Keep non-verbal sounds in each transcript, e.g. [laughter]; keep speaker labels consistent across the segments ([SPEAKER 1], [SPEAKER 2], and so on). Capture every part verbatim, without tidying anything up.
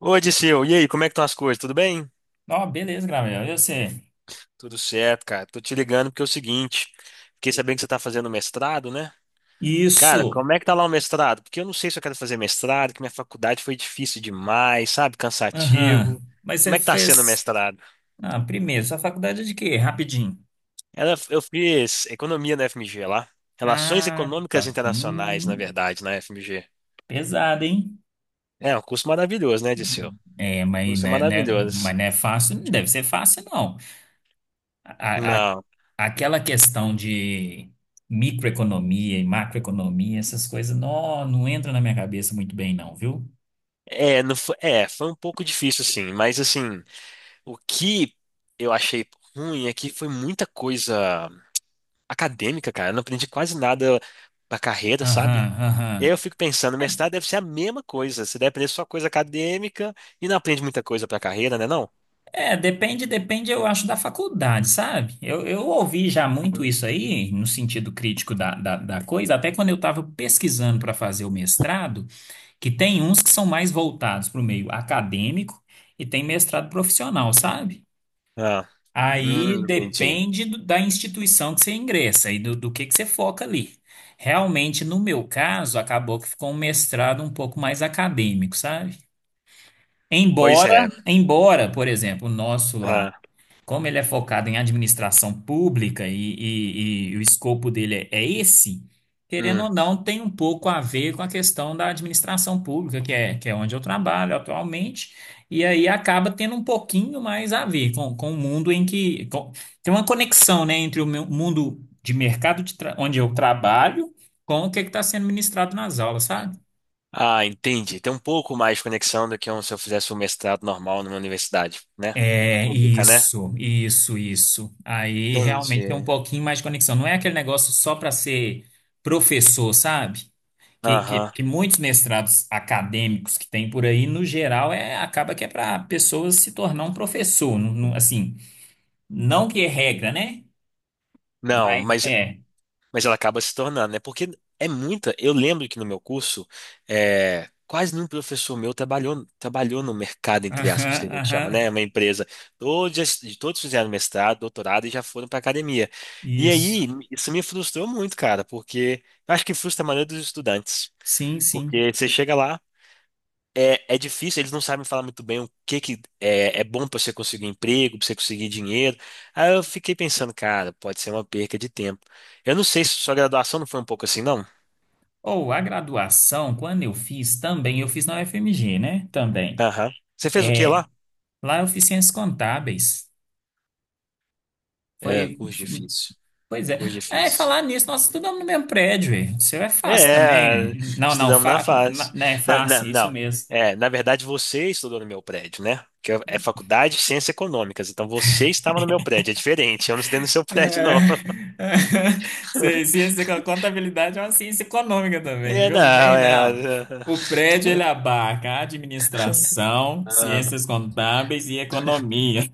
[SPEAKER 1] Oi, Disseu. E aí, como é que estão as coisas? Tudo bem?
[SPEAKER 2] Ó, beleza, Gabriel. Eu sei.
[SPEAKER 1] Tudo certo, cara. Tô te ligando porque é o seguinte, fiquei sabendo que você tá fazendo mestrado, né? Cara,
[SPEAKER 2] Isso.
[SPEAKER 1] como é que tá lá o mestrado? Porque eu não sei se eu quero fazer mestrado, que minha faculdade foi difícil demais, sabe?
[SPEAKER 2] Aham.
[SPEAKER 1] Cansativo.
[SPEAKER 2] Mas
[SPEAKER 1] Como
[SPEAKER 2] você
[SPEAKER 1] é que tá sendo o
[SPEAKER 2] fez.
[SPEAKER 1] mestrado?
[SPEAKER 2] Ah, primeiro, sua faculdade é de quê? Rapidinho.
[SPEAKER 1] Ela- Eu fiz economia na F M G lá. Relações
[SPEAKER 2] Ah,
[SPEAKER 1] Econômicas
[SPEAKER 2] tá.
[SPEAKER 1] Internacionais, na
[SPEAKER 2] Hum,
[SPEAKER 1] verdade, na F M G.
[SPEAKER 2] pesado, hein?
[SPEAKER 1] É um curso maravilhoso, né, Disseu?
[SPEAKER 2] É, mas,
[SPEAKER 1] Curso
[SPEAKER 2] né, né-
[SPEAKER 1] maravilhoso.
[SPEAKER 2] mas não é fácil, não deve ser fácil, não. A, a-
[SPEAKER 1] Não,
[SPEAKER 2] aquela questão de microeconomia e macroeconomia, essas coisas, não, não entra na minha cabeça muito bem, não, viu?
[SPEAKER 1] é, não foi, é, foi um pouco difícil, sim, mas assim. O que eu achei ruim é que foi muita coisa acadêmica, cara. Eu não aprendi quase nada pra carreira, sabe?
[SPEAKER 2] Aham,
[SPEAKER 1] E aí eu
[SPEAKER 2] aham.
[SPEAKER 1] fico pensando,
[SPEAKER 2] É,
[SPEAKER 1] mestrado deve ser a mesma coisa. Você deve aprender só coisa acadêmica e não aprende muita coisa pra carreira, né não?
[SPEAKER 2] É, depende, depende, eu acho, da faculdade, sabe? Eu, eu ouvi já muito
[SPEAKER 1] Hum.
[SPEAKER 2] isso aí, no sentido crítico da, da, da coisa, até quando eu estava pesquisando para fazer o mestrado, que tem uns que são mais voltados para o meio acadêmico e tem mestrado profissional, sabe?
[SPEAKER 1] Ah,
[SPEAKER 2] Aí
[SPEAKER 1] hum, entendi.
[SPEAKER 2] depende do- da instituição que você ingressa e do, do que, que você foca ali. Realmente, no meu caso, acabou que ficou um mestrado um pouco mais acadêmico, sabe?
[SPEAKER 1] Pois
[SPEAKER 2] Embora,
[SPEAKER 1] é.
[SPEAKER 2] embora, por exemplo, o nosso lá.
[SPEAKER 1] Ah,
[SPEAKER 2] Como ele é focado em administração pública e, e- e o escopo dele é, é esse, querendo
[SPEAKER 1] hum.
[SPEAKER 2] ou não, tem um pouco a ver com a questão da administração pública, que é, que é onde eu trabalho atualmente, e aí acaba tendo um pouquinho mais a ver com, com o mundo em que. com- tem uma conexão, né, entre o meu mundo de mercado de tra- onde eu trabalho com o que está sendo ministrado nas aulas, sabe?
[SPEAKER 1] Ah, entendi. Tem um pouco mais de conexão do que um, se eu fizesse um mestrado normal numa universidade, né?
[SPEAKER 2] É,
[SPEAKER 1] Pública, né?
[SPEAKER 2] isso, isso, isso. Aí realmente tem um
[SPEAKER 1] Entendi.
[SPEAKER 2] pouquinho mais de conexão. Não é aquele negócio só para ser professor, sabe? Que, que,
[SPEAKER 1] Aham.
[SPEAKER 2] que muitos mestrados acadêmicos que tem por aí, no geral, é, acaba que é para pessoas se tornar um professor. Não- não- assim, não que é regra, né?
[SPEAKER 1] Não,
[SPEAKER 2] Mas
[SPEAKER 1] mas
[SPEAKER 2] é.
[SPEAKER 1] mas ela acaba se tornando, né? Porque é muita. Eu lembro que no meu curso, é, quase nenhum professor meu trabalhou, trabalhou no mercado, entre aspas, que a
[SPEAKER 2] Aham,
[SPEAKER 1] gente chama, né?
[SPEAKER 2] aham.
[SPEAKER 1] É uma empresa. Todos, todos fizeram mestrado, doutorado e já foram para academia. E
[SPEAKER 2] Isso.
[SPEAKER 1] aí, isso me frustrou muito, cara, porque eu acho que frustra a maioria dos estudantes.
[SPEAKER 2] Sim, sim.
[SPEAKER 1] Porque você chega lá, é, é difícil, eles não sabem falar muito bem o que que é, é bom para você conseguir emprego, para você conseguir dinheiro. Aí eu fiquei pensando, cara, pode ser uma perca de tempo. Eu não sei se sua graduação não foi um pouco assim, não?
[SPEAKER 2] Ou a graduação, quando eu fiz também, eu fiz na U F M G, né? Também.
[SPEAKER 1] Aham. Você fez o que
[SPEAKER 2] É,
[SPEAKER 1] lá?
[SPEAKER 2] lá eu fiz ciências contábeis.
[SPEAKER 1] É,
[SPEAKER 2] Foi,
[SPEAKER 1] curso difícil.
[SPEAKER 2] pois é.
[SPEAKER 1] Curso
[SPEAKER 2] É,
[SPEAKER 1] difícil.
[SPEAKER 2] falar nisso, nós estudamos no mesmo prédio, velho. O seu é fácil também,
[SPEAKER 1] É,
[SPEAKER 2] velho. Não, não,
[SPEAKER 1] estudamos na
[SPEAKER 2] fa,
[SPEAKER 1] fase.
[SPEAKER 2] na- né, é
[SPEAKER 1] Na- na-
[SPEAKER 2] fácil, isso
[SPEAKER 1] não,
[SPEAKER 2] mesmo.
[SPEAKER 1] é, na verdade você estudou no meu prédio, né? Que é é faculdade de ciências econômicas, então você estava no meu prédio, é diferente, eu não estudei no seu prédio, não.
[SPEAKER 2] É, [laughs] Ci-
[SPEAKER 1] [laughs]
[SPEAKER 2] Ciência, da contabilidade é uma ciência econômica também,
[SPEAKER 1] É,
[SPEAKER 2] viu? Não
[SPEAKER 1] não,
[SPEAKER 2] vem, não.
[SPEAKER 1] é.
[SPEAKER 2] O prédio, ele abarca administração,
[SPEAKER 1] É, é.
[SPEAKER 2] ciências contábeis e economia.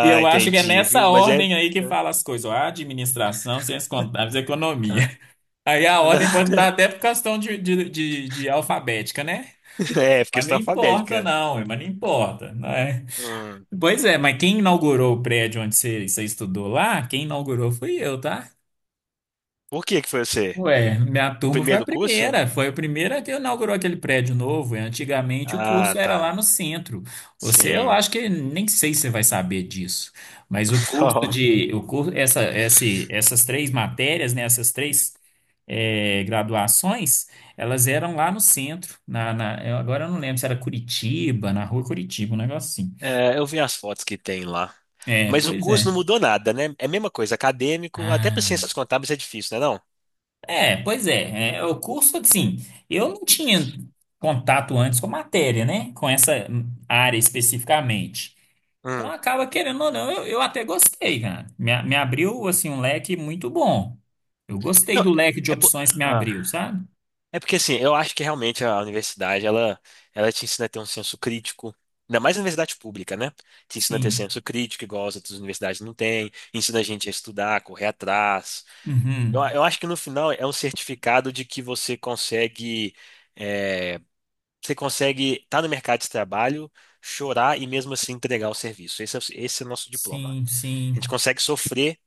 [SPEAKER 2] E eu acho que é
[SPEAKER 1] entendi, viu?
[SPEAKER 2] nessa
[SPEAKER 1] Mas é.
[SPEAKER 2] ordem aí que
[SPEAKER 1] Né?
[SPEAKER 2] fala as coisas, ó, administração, ciências contábeis e economia.
[SPEAKER 1] Ah,
[SPEAKER 2] Aí a ordem pode estar
[SPEAKER 1] não.
[SPEAKER 2] até por questão de, de, de, de alfabética, né?
[SPEAKER 1] [laughs] É, porque
[SPEAKER 2] Mas não
[SPEAKER 1] questão
[SPEAKER 2] importa,
[SPEAKER 1] alfabética.
[SPEAKER 2] não, mas não importa, não é?
[SPEAKER 1] Hum.
[SPEAKER 2] Pois é, mas quem inaugurou o prédio onde você, você estudou lá, quem inaugurou fui eu, tá?
[SPEAKER 1] Por que que foi você?
[SPEAKER 2] Ué, minha
[SPEAKER 1] O
[SPEAKER 2] turma foi a
[SPEAKER 1] primeiro curso?
[SPEAKER 2] primeira, foi a primeira que inaugurou aquele prédio novo. E antigamente o
[SPEAKER 1] Ah,
[SPEAKER 2] curso era lá
[SPEAKER 1] tá.
[SPEAKER 2] no centro. Você, eu
[SPEAKER 1] Sim.
[SPEAKER 2] acho que nem sei se você vai saber disso, mas o curso
[SPEAKER 1] [laughs]
[SPEAKER 2] de, o curso, essa, esse, essas três matérias, né, essas três eh, graduações, elas eram lá no centro. Na, na- eu agora eu não lembro se era Curitiba, na rua Curitiba, um negócio assim.
[SPEAKER 1] Então, é, eu vi as fotos que tem lá.
[SPEAKER 2] É,
[SPEAKER 1] Mas o
[SPEAKER 2] pois
[SPEAKER 1] curso
[SPEAKER 2] é.
[SPEAKER 1] não mudou nada, né? É a mesma coisa, acadêmico, até para
[SPEAKER 2] Ah.
[SPEAKER 1] ciências contábeis é difícil, né, não?
[SPEAKER 2] É, pois é, é, o curso, assim, eu não tinha contato antes com a matéria, né? Com essa área especificamente. Então
[SPEAKER 1] Hum.
[SPEAKER 2] acaba querendo ou não, eu, eu até gostei, cara. Me, a- me abriu, assim, um leque muito bom. Eu gostei
[SPEAKER 1] Não,
[SPEAKER 2] do leque de
[SPEAKER 1] é por...
[SPEAKER 2] opções que me abriu, sabe?
[SPEAKER 1] É porque assim, eu acho que realmente a universidade, ela, ela te ensina a ter um senso crítico, ainda mais na universidade pública, né? Te ensina a ter
[SPEAKER 2] Sim.
[SPEAKER 1] senso crítico, igual as outras universidades não têm, ensina a gente a estudar, a correr atrás. Eu,
[SPEAKER 2] Uhum.
[SPEAKER 1] eu acho que no final é um certificado de que você consegue, é, você consegue estar no mercado de trabalho, chorar e mesmo assim entregar o serviço. Esse é, o- esse é o nosso diploma.
[SPEAKER 2] Sim,
[SPEAKER 1] A gente
[SPEAKER 2] sim.
[SPEAKER 1] consegue sofrer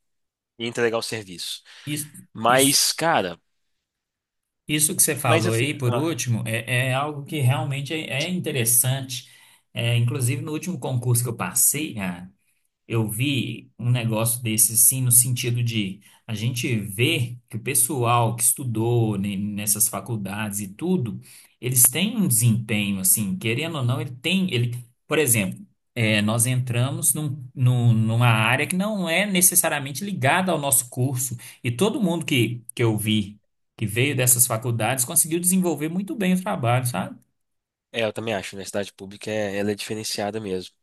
[SPEAKER 1] e entregar o serviço.
[SPEAKER 2] Isso,
[SPEAKER 1] Mas,
[SPEAKER 2] isso,
[SPEAKER 1] cara,
[SPEAKER 2] isso que você
[SPEAKER 1] mas
[SPEAKER 2] falou
[SPEAKER 1] eu, fi-
[SPEAKER 2] aí, por
[SPEAKER 1] ah.
[SPEAKER 2] último, é, é algo que realmente é, é interessante. É, inclusive, no último concurso que eu passei, eu vi um negócio desse assim, no sentido de a gente vê que o pessoal que estudou ne- nessas faculdades e tudo, eles têm um desempenho, assim, querendo ou não, ele tem, ele, por exemplo, é, nós entramos num- num- numa área que não é necessariamente ligada ao nosso curso, e todo mundo que, que eu vi que veio dessas faculdades conseguiu desenvolver muito bem o trabalho, sabe?
[SPEAKER 1] É, eu também acho, a universidade pública é, ela é diferenciada mesmo.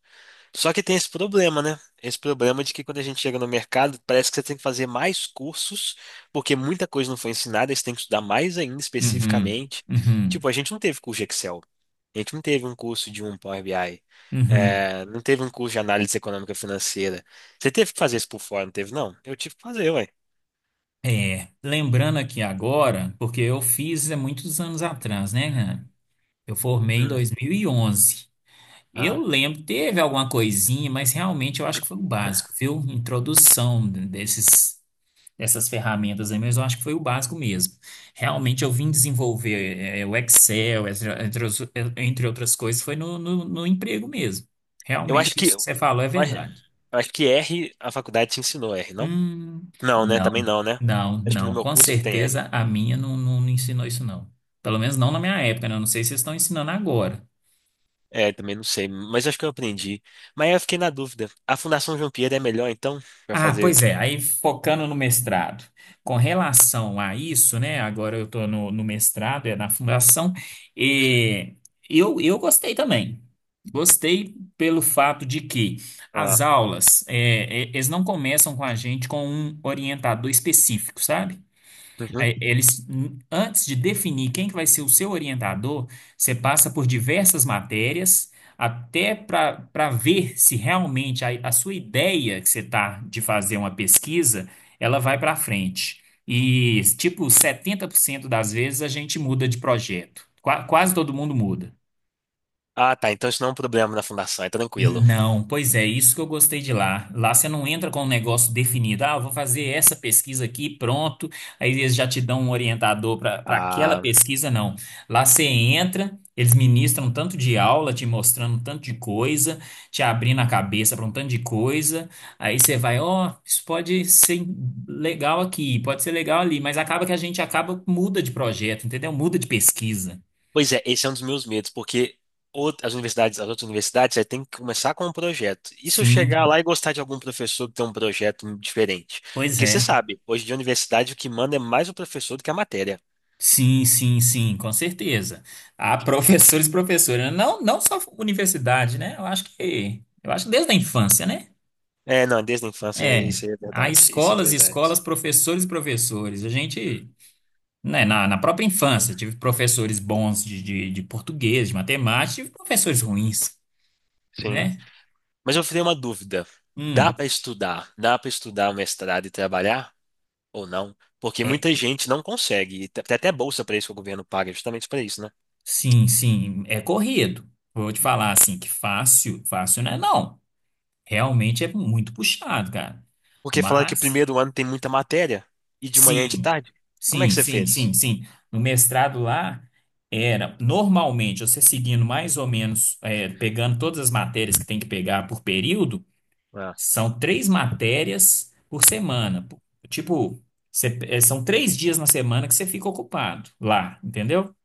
[SPEAKER 1] Só que tem esse problema, né? Esse problema de que quando a gente chega no mercado, parece que você tem que fazer mais cursos, porque muita coisa não foi ensinada, e você tem que estudar mais ainda
[SPEAKER 2] Uhum,
[SPEAKER 1] especificamente. Tipo,
[SPEAKER 2] uhum,
[SPEAKER 1] a gente não teve curso de Excel, a gente não teve um curso de um Power B I,
[SPEAKER 2] uhum.
[SPEAKER 1] é, não teve um curso de análise econômica financeira. Você teve que fazer isso por fora, não teve, não? Eu tive que fazer, ué.
[SPEAKER 2] É, lembrando aqui agora, porque eu fiz há muitos anos atrás, né, Hannah? Eu formei em
[SPEAKER 1] Hum.
[SPEAKER 2] dois mil e onze.
[SPEAKER 1] Ah,
[SPEAKER 2] Eu lembro, teve alguma coisinha, mas realmente eu acho que foi o básico, viu? Introdução desses, dessas ferramentas aí, mas eu acho que foi o básico mesmo. Realmente eu vim desenvolver é, o Excel, entre, entre os- entre outras coisas, foi no, no no emprego mesmo.
[SPEAKER 1] eu acho
[SPEAKER 2] Realmente
[SPEAKER 1] que,
[SPEAKER 2] isso que
[SPEAKER 1] eu
[SPEAKER 2] você falou é
[SPEAKER 1] acho,
[SPEAKER 2] verdade.
[SPEAKER 1] eu acho que R, a faculdade te ensinou R, não?
[SPEAKER 2] Hum,
[SPEAKER 1] Não, né?
[SPEAKER 2] não,
[SPEAKER 1] Também não, né?
[SPEAKER 2] não,
[SPEAKER 1] Acho que no
[SPEAKER 2] não.
[SPEAKER 1] meu
[SPEAKER 2] Com
[SPEAKER 1] curso que tem R.
[SPEAKER 2] certeza a minha não, não, não ensinou isso, não. Pelo menos não na minha época, né? Eu não sei se vocês estão ensinando agora.
[SPEAKER 1] É, também não sei, mas acho que eu aprendi. Mas aí eu fiquei na dúvida. A Fundação João Pierre é melhor, então? Pra
[SPEAKER 2] Ah,
[SPEAKER 1] fazer.
[SPEAKER 2] pois é, aí focando no mestrado. Com relação a isso, né? Agora eu estou no, no mestrado, é na fundação, e eu, eu gostei também. Gostei pelo fato de que
[SPEAKER 1] Ah,
[SPEAKER 2] as aulas, é, é, eles não começam com a gente com um orientador específico, sabe?
[SPEAKER 1] uhum.
[SPEAKER 2] Aí, eles, n- antes de definir quem que vai ser o seu orientador, você passa por diversas matérias até para para ver se realmente a, a sua ideia que você está de fazer uma pesquisa, ela vai para frente. E, tipo, setenta por cento das vezes a gente muda de projeto. Qua- quase todo mundo muda.
[SPEAKER 1] Ah, tá. Então isso não é um problema na fundação, é tranquilo.
[SPEAKER 2] Não, pois é, isso que eu gostei de lá. Lá você não entra com um negócio definido. Ah, eu vou fazer essa pesquisa aqui, pronto. Aí eles já te dão um orientador para para aquela
[SPEAKER 1] Ah,
[SPEAKER 2] pesquisa, não. Lá você entra, eles ministram tanto de aula, te mostrando tanto de coisa, te abrindo a cabeça para um tanto de coisa. Aí você vai, ó, isso pode ser legal aqui, pode ser legal ali, mas acaba que a gente acaba muda de projeto, entendeu? Muda de pesquisa.
[SPEAKER 1] pois é, esse é um dos meus medos, porque out- as universidades, as outras universidades, você tem que começar com um projeto. E se eu
[SPEAKER 2] Sim,
[SPEAKER 1] chegar lá e gostar de algum professor que tem um projeto diferente?
[SPEAKER 2] pois
[SPEAKER 1] Porque você
[SPEAKER 2] é.
[SPEAKER 1] sabe, hoje de universidade o que manda é mais o professor do que a matéria.
[SPEAKER 2] Sim, sim, sim, com certeza. Há professores [laughs] e professoras, não, não só universidade, né? Eu acho que, eu acho que desde a infância, né?
[SPEAKER 1] É, não, desde a infância,
[SPEAKER 2] É,
[SPEAKER 1] isso é
[SPEAKER 2] há
[SPEAKER 1] verdade. Isso é
[SPEAKER 2] escolas e
[SPEAKER 1] verdade.
[SPEAKER 2] escolas, professores e professores. A gente, né, na, na própria infância, tive professores bons de, de, de português, de matemática, tive professores ruins,
[SPEAKER 1] Sim.
[SPEAKER 2] né?
[SPEAKER 1] Mas eu tenho uma dúvida. Dá
[SPEAKER 2] Hum,
[SPEAKER 1] para estudar? Dá para estudar o mestrado e trabalhar ou não? Porque
[SPEAKER 2] é,
[SPEAKER 1] muita gente não consegue. E tem até bolsa para isso que o governo paga, justamente para isso, né?
[SPEAKER 2] sim, sim, é corrido. Vou te falar assim, que fácil, fácil não é não. Realmente é muito puxado, cara.
[SPEAKER 1] Porque falaram que o
[SPEAKER 2] Mas
[SPEAKER 1] primeiro ano tem muita matéria e de manhã e de
[SPEAKER 2] Sim,
[SPEAKER 1] tarde. Como é que
[SPEAKER 2] sim,
[SPEAKER 1] você
[SPEAKER 2] sim,
[SPEAKER 1] fez?
[SPEAKER 2] sim, sim. No mestrado lá, era normalmente você seguindo mais ou menos, é, pegando todas as matérias que tem que pegar por período,
[SPEAKER 1] Ah,
[SPEAKER 2] são três matérias por semana. Tipo, você- é, são três dias na semana que você fica ocupado lá, entendeu?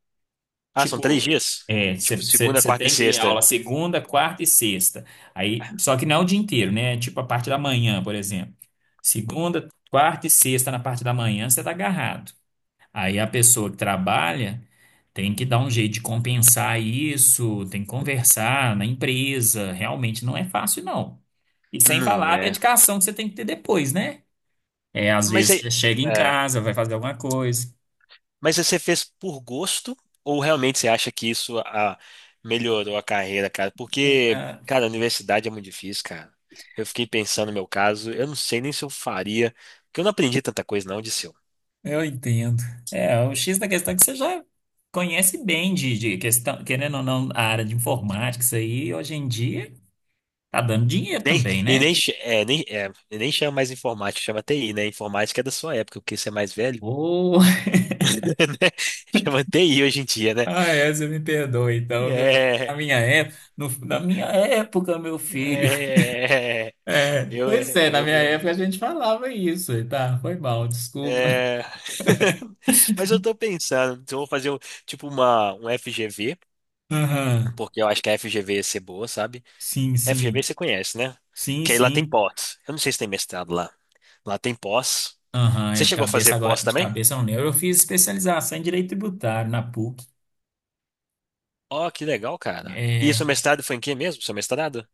[SPEAKER 1] Ah, são três
[SPEAKER 2] Tipo,
[SPEAKER 1] dias?
[SPEAKER 2] é, você
[SPEAKER 1] Tipo segunda, quarta e
[SPEAKER 2] tem que ir
[SPEAKER 1] sexta.
[SPEAKER 2] aula segunda, quarta e sexta. Aí, só que não é o dia inteiro, né? É tipo a parte da manhã, por exemplo. Segunda, quarta e sexta na parte da manhã, você tá agarrado. Aí a pessoa que trabalha tem que dar um jeito de compensar isso, tem que conversar na empresa. Realmente não é fácil, não. E sem
[SPEAKER 1] Não
[SPEAKER 2] falar a
[SPEAKER 1] é.
[SPEAKER 2] dedicação que você tem que ter depois, né? É, às
[SPEAKER 1] Mas
[SPEAKER 2] vezes
[SPEAKER 1] aí.
[SPEAKER 2] você chega em
[SPEAKER 1] É.
[SPEAKER 2] casa, vai fazer alguma coisa.
[SPEAKER 1] Mas você fez por gosto ou realmente você acha que isso ah, melhorou a carreira, cara? Porque, cara, a universidade é muito difícil, cara. Eu fiquei pensando no meu caso, eu não sei nem se eu faria, porque eu não aprendi tanta coisa não de seu.
[SPEAKER 2] Eu entendo. É, o X da questão é que você já conhece bem de, de questão, querendo ou não, a área de informática, isso aí hoje em dia tá dando dinheiro
[SPEAKER 1] Nem,
[SPEAKER 2] também,
[SPEAKER 1] e nem,
[SPEAKER 2] né?
[SPEAKER 1] ch- é, nem, é, e nem chama mais informática, chama T I, né? Informática é da sua época, porque você é mais velho,
[SPEAKER 2] Oh. [laughs]
[SPEAKER 1] [laughs] né? Chama T I hoje em dia, né?
[SPEAKER 2] Ah, é, você me perdoa, então, viu? Porque
[SPEAKER 1] É,
[SPEAKER 2] Na minha época, no- na minha época, meu filho. [laughs]
[SPEAKER 1] é,
[SPEAKER 2] É,
[SPEAKER 1] eu,
[SPEAKER 2] pois é, na
[SPEAKER 1] eu,
[SPEAKER 2] minha época a gente falava isso, e tá? Foi mal, desculpa. [laughs]
[SPEAKER 1] É... [laughs] Mas eu tô pensando, se eu vou fazer um- tipo uma, um F G V,
[SPEAKER 2] Aham,
[SPEAKER 1] porque eu acho que a F G V ia ser boa, sabe?
[SPEAKER 2] sim,
[SPEAKER 1] F G V
[SPEAKER 2] sim.
[SPEAKER 1] você conhece, né?
[SPEAKER 2] Sim,
[SPEAKER 1] Que aí lá tem
[SPEAKER 2] sim.
[SPEAKER 1] pós. Eu não sei se tem mestrado lá. Lá tem pós.
[SPEAKER 2] Aham, é
[SPEAKER 1] Você
[SPEAKER 2] de
[SPEAKER 1] chegou a
[SPEAKER 2] cabeça
[SPEAKER 1] fazer pós
[SPEAKER 2] agora, de
[SPEAKER 1] também?
[SPEAKER 2] cabeça eu não lembro. Eu fiz especialização em direito tributário na P U C.
[SPEAKER 1] Ó, que legal, cara. E seu
[SPEAKER 2] É,
[SPEAKER 1] mestrado foi em quê mesmo? Seu mestrado?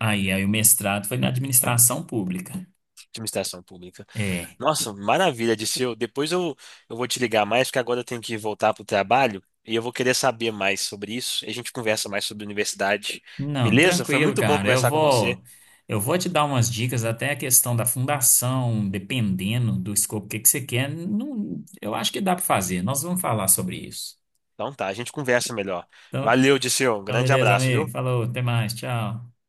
[SPEAKER 2] Aí, aí o mestrado foi na administração pública.
[SPEAKER 1] Administração pública.
[SPEAKER 2] É.
[SPEAKER 1] Nossa, maravilha, Dirceu. Depois eu, eu vou te ligar mais, porque agora eu tenho que voltar pro trabalho e eu vou querer saber mais sobre isso. E a gente conversa mais sobre universidade.
[SPEAKER 2] Não,
[SPEAKER 1] Beleza? Foi
[SPEAKER 2] tranquilo,
[SPEAKER 1] muito bom
[SPEAKER 2] cara. Eu
[SPEAKER 1] conversar com você.
[SPEAKER 2] vou, eu vou te dar umas dicas até a questão da fundação, dependendo do escopo que que você quer. Não, eu acho que dá para fazer. Nós vamos falar sobre isso.
[SPEAKER 1] Então tá, a gente conversa melhor.
[SPEAKER 2] Então,
[SPEAKER 1] Valeu, Dirceu. Um
[SPEAKER 2] então
[SPEAKER 1] grande
[SPEAKER 2] beleza,
[SPEAKER 1] abraço,
[SPEAKER 2] amigo.
[SPEAKER 1] viu?
[SPEAKER 2] Falou, até mais, tchau.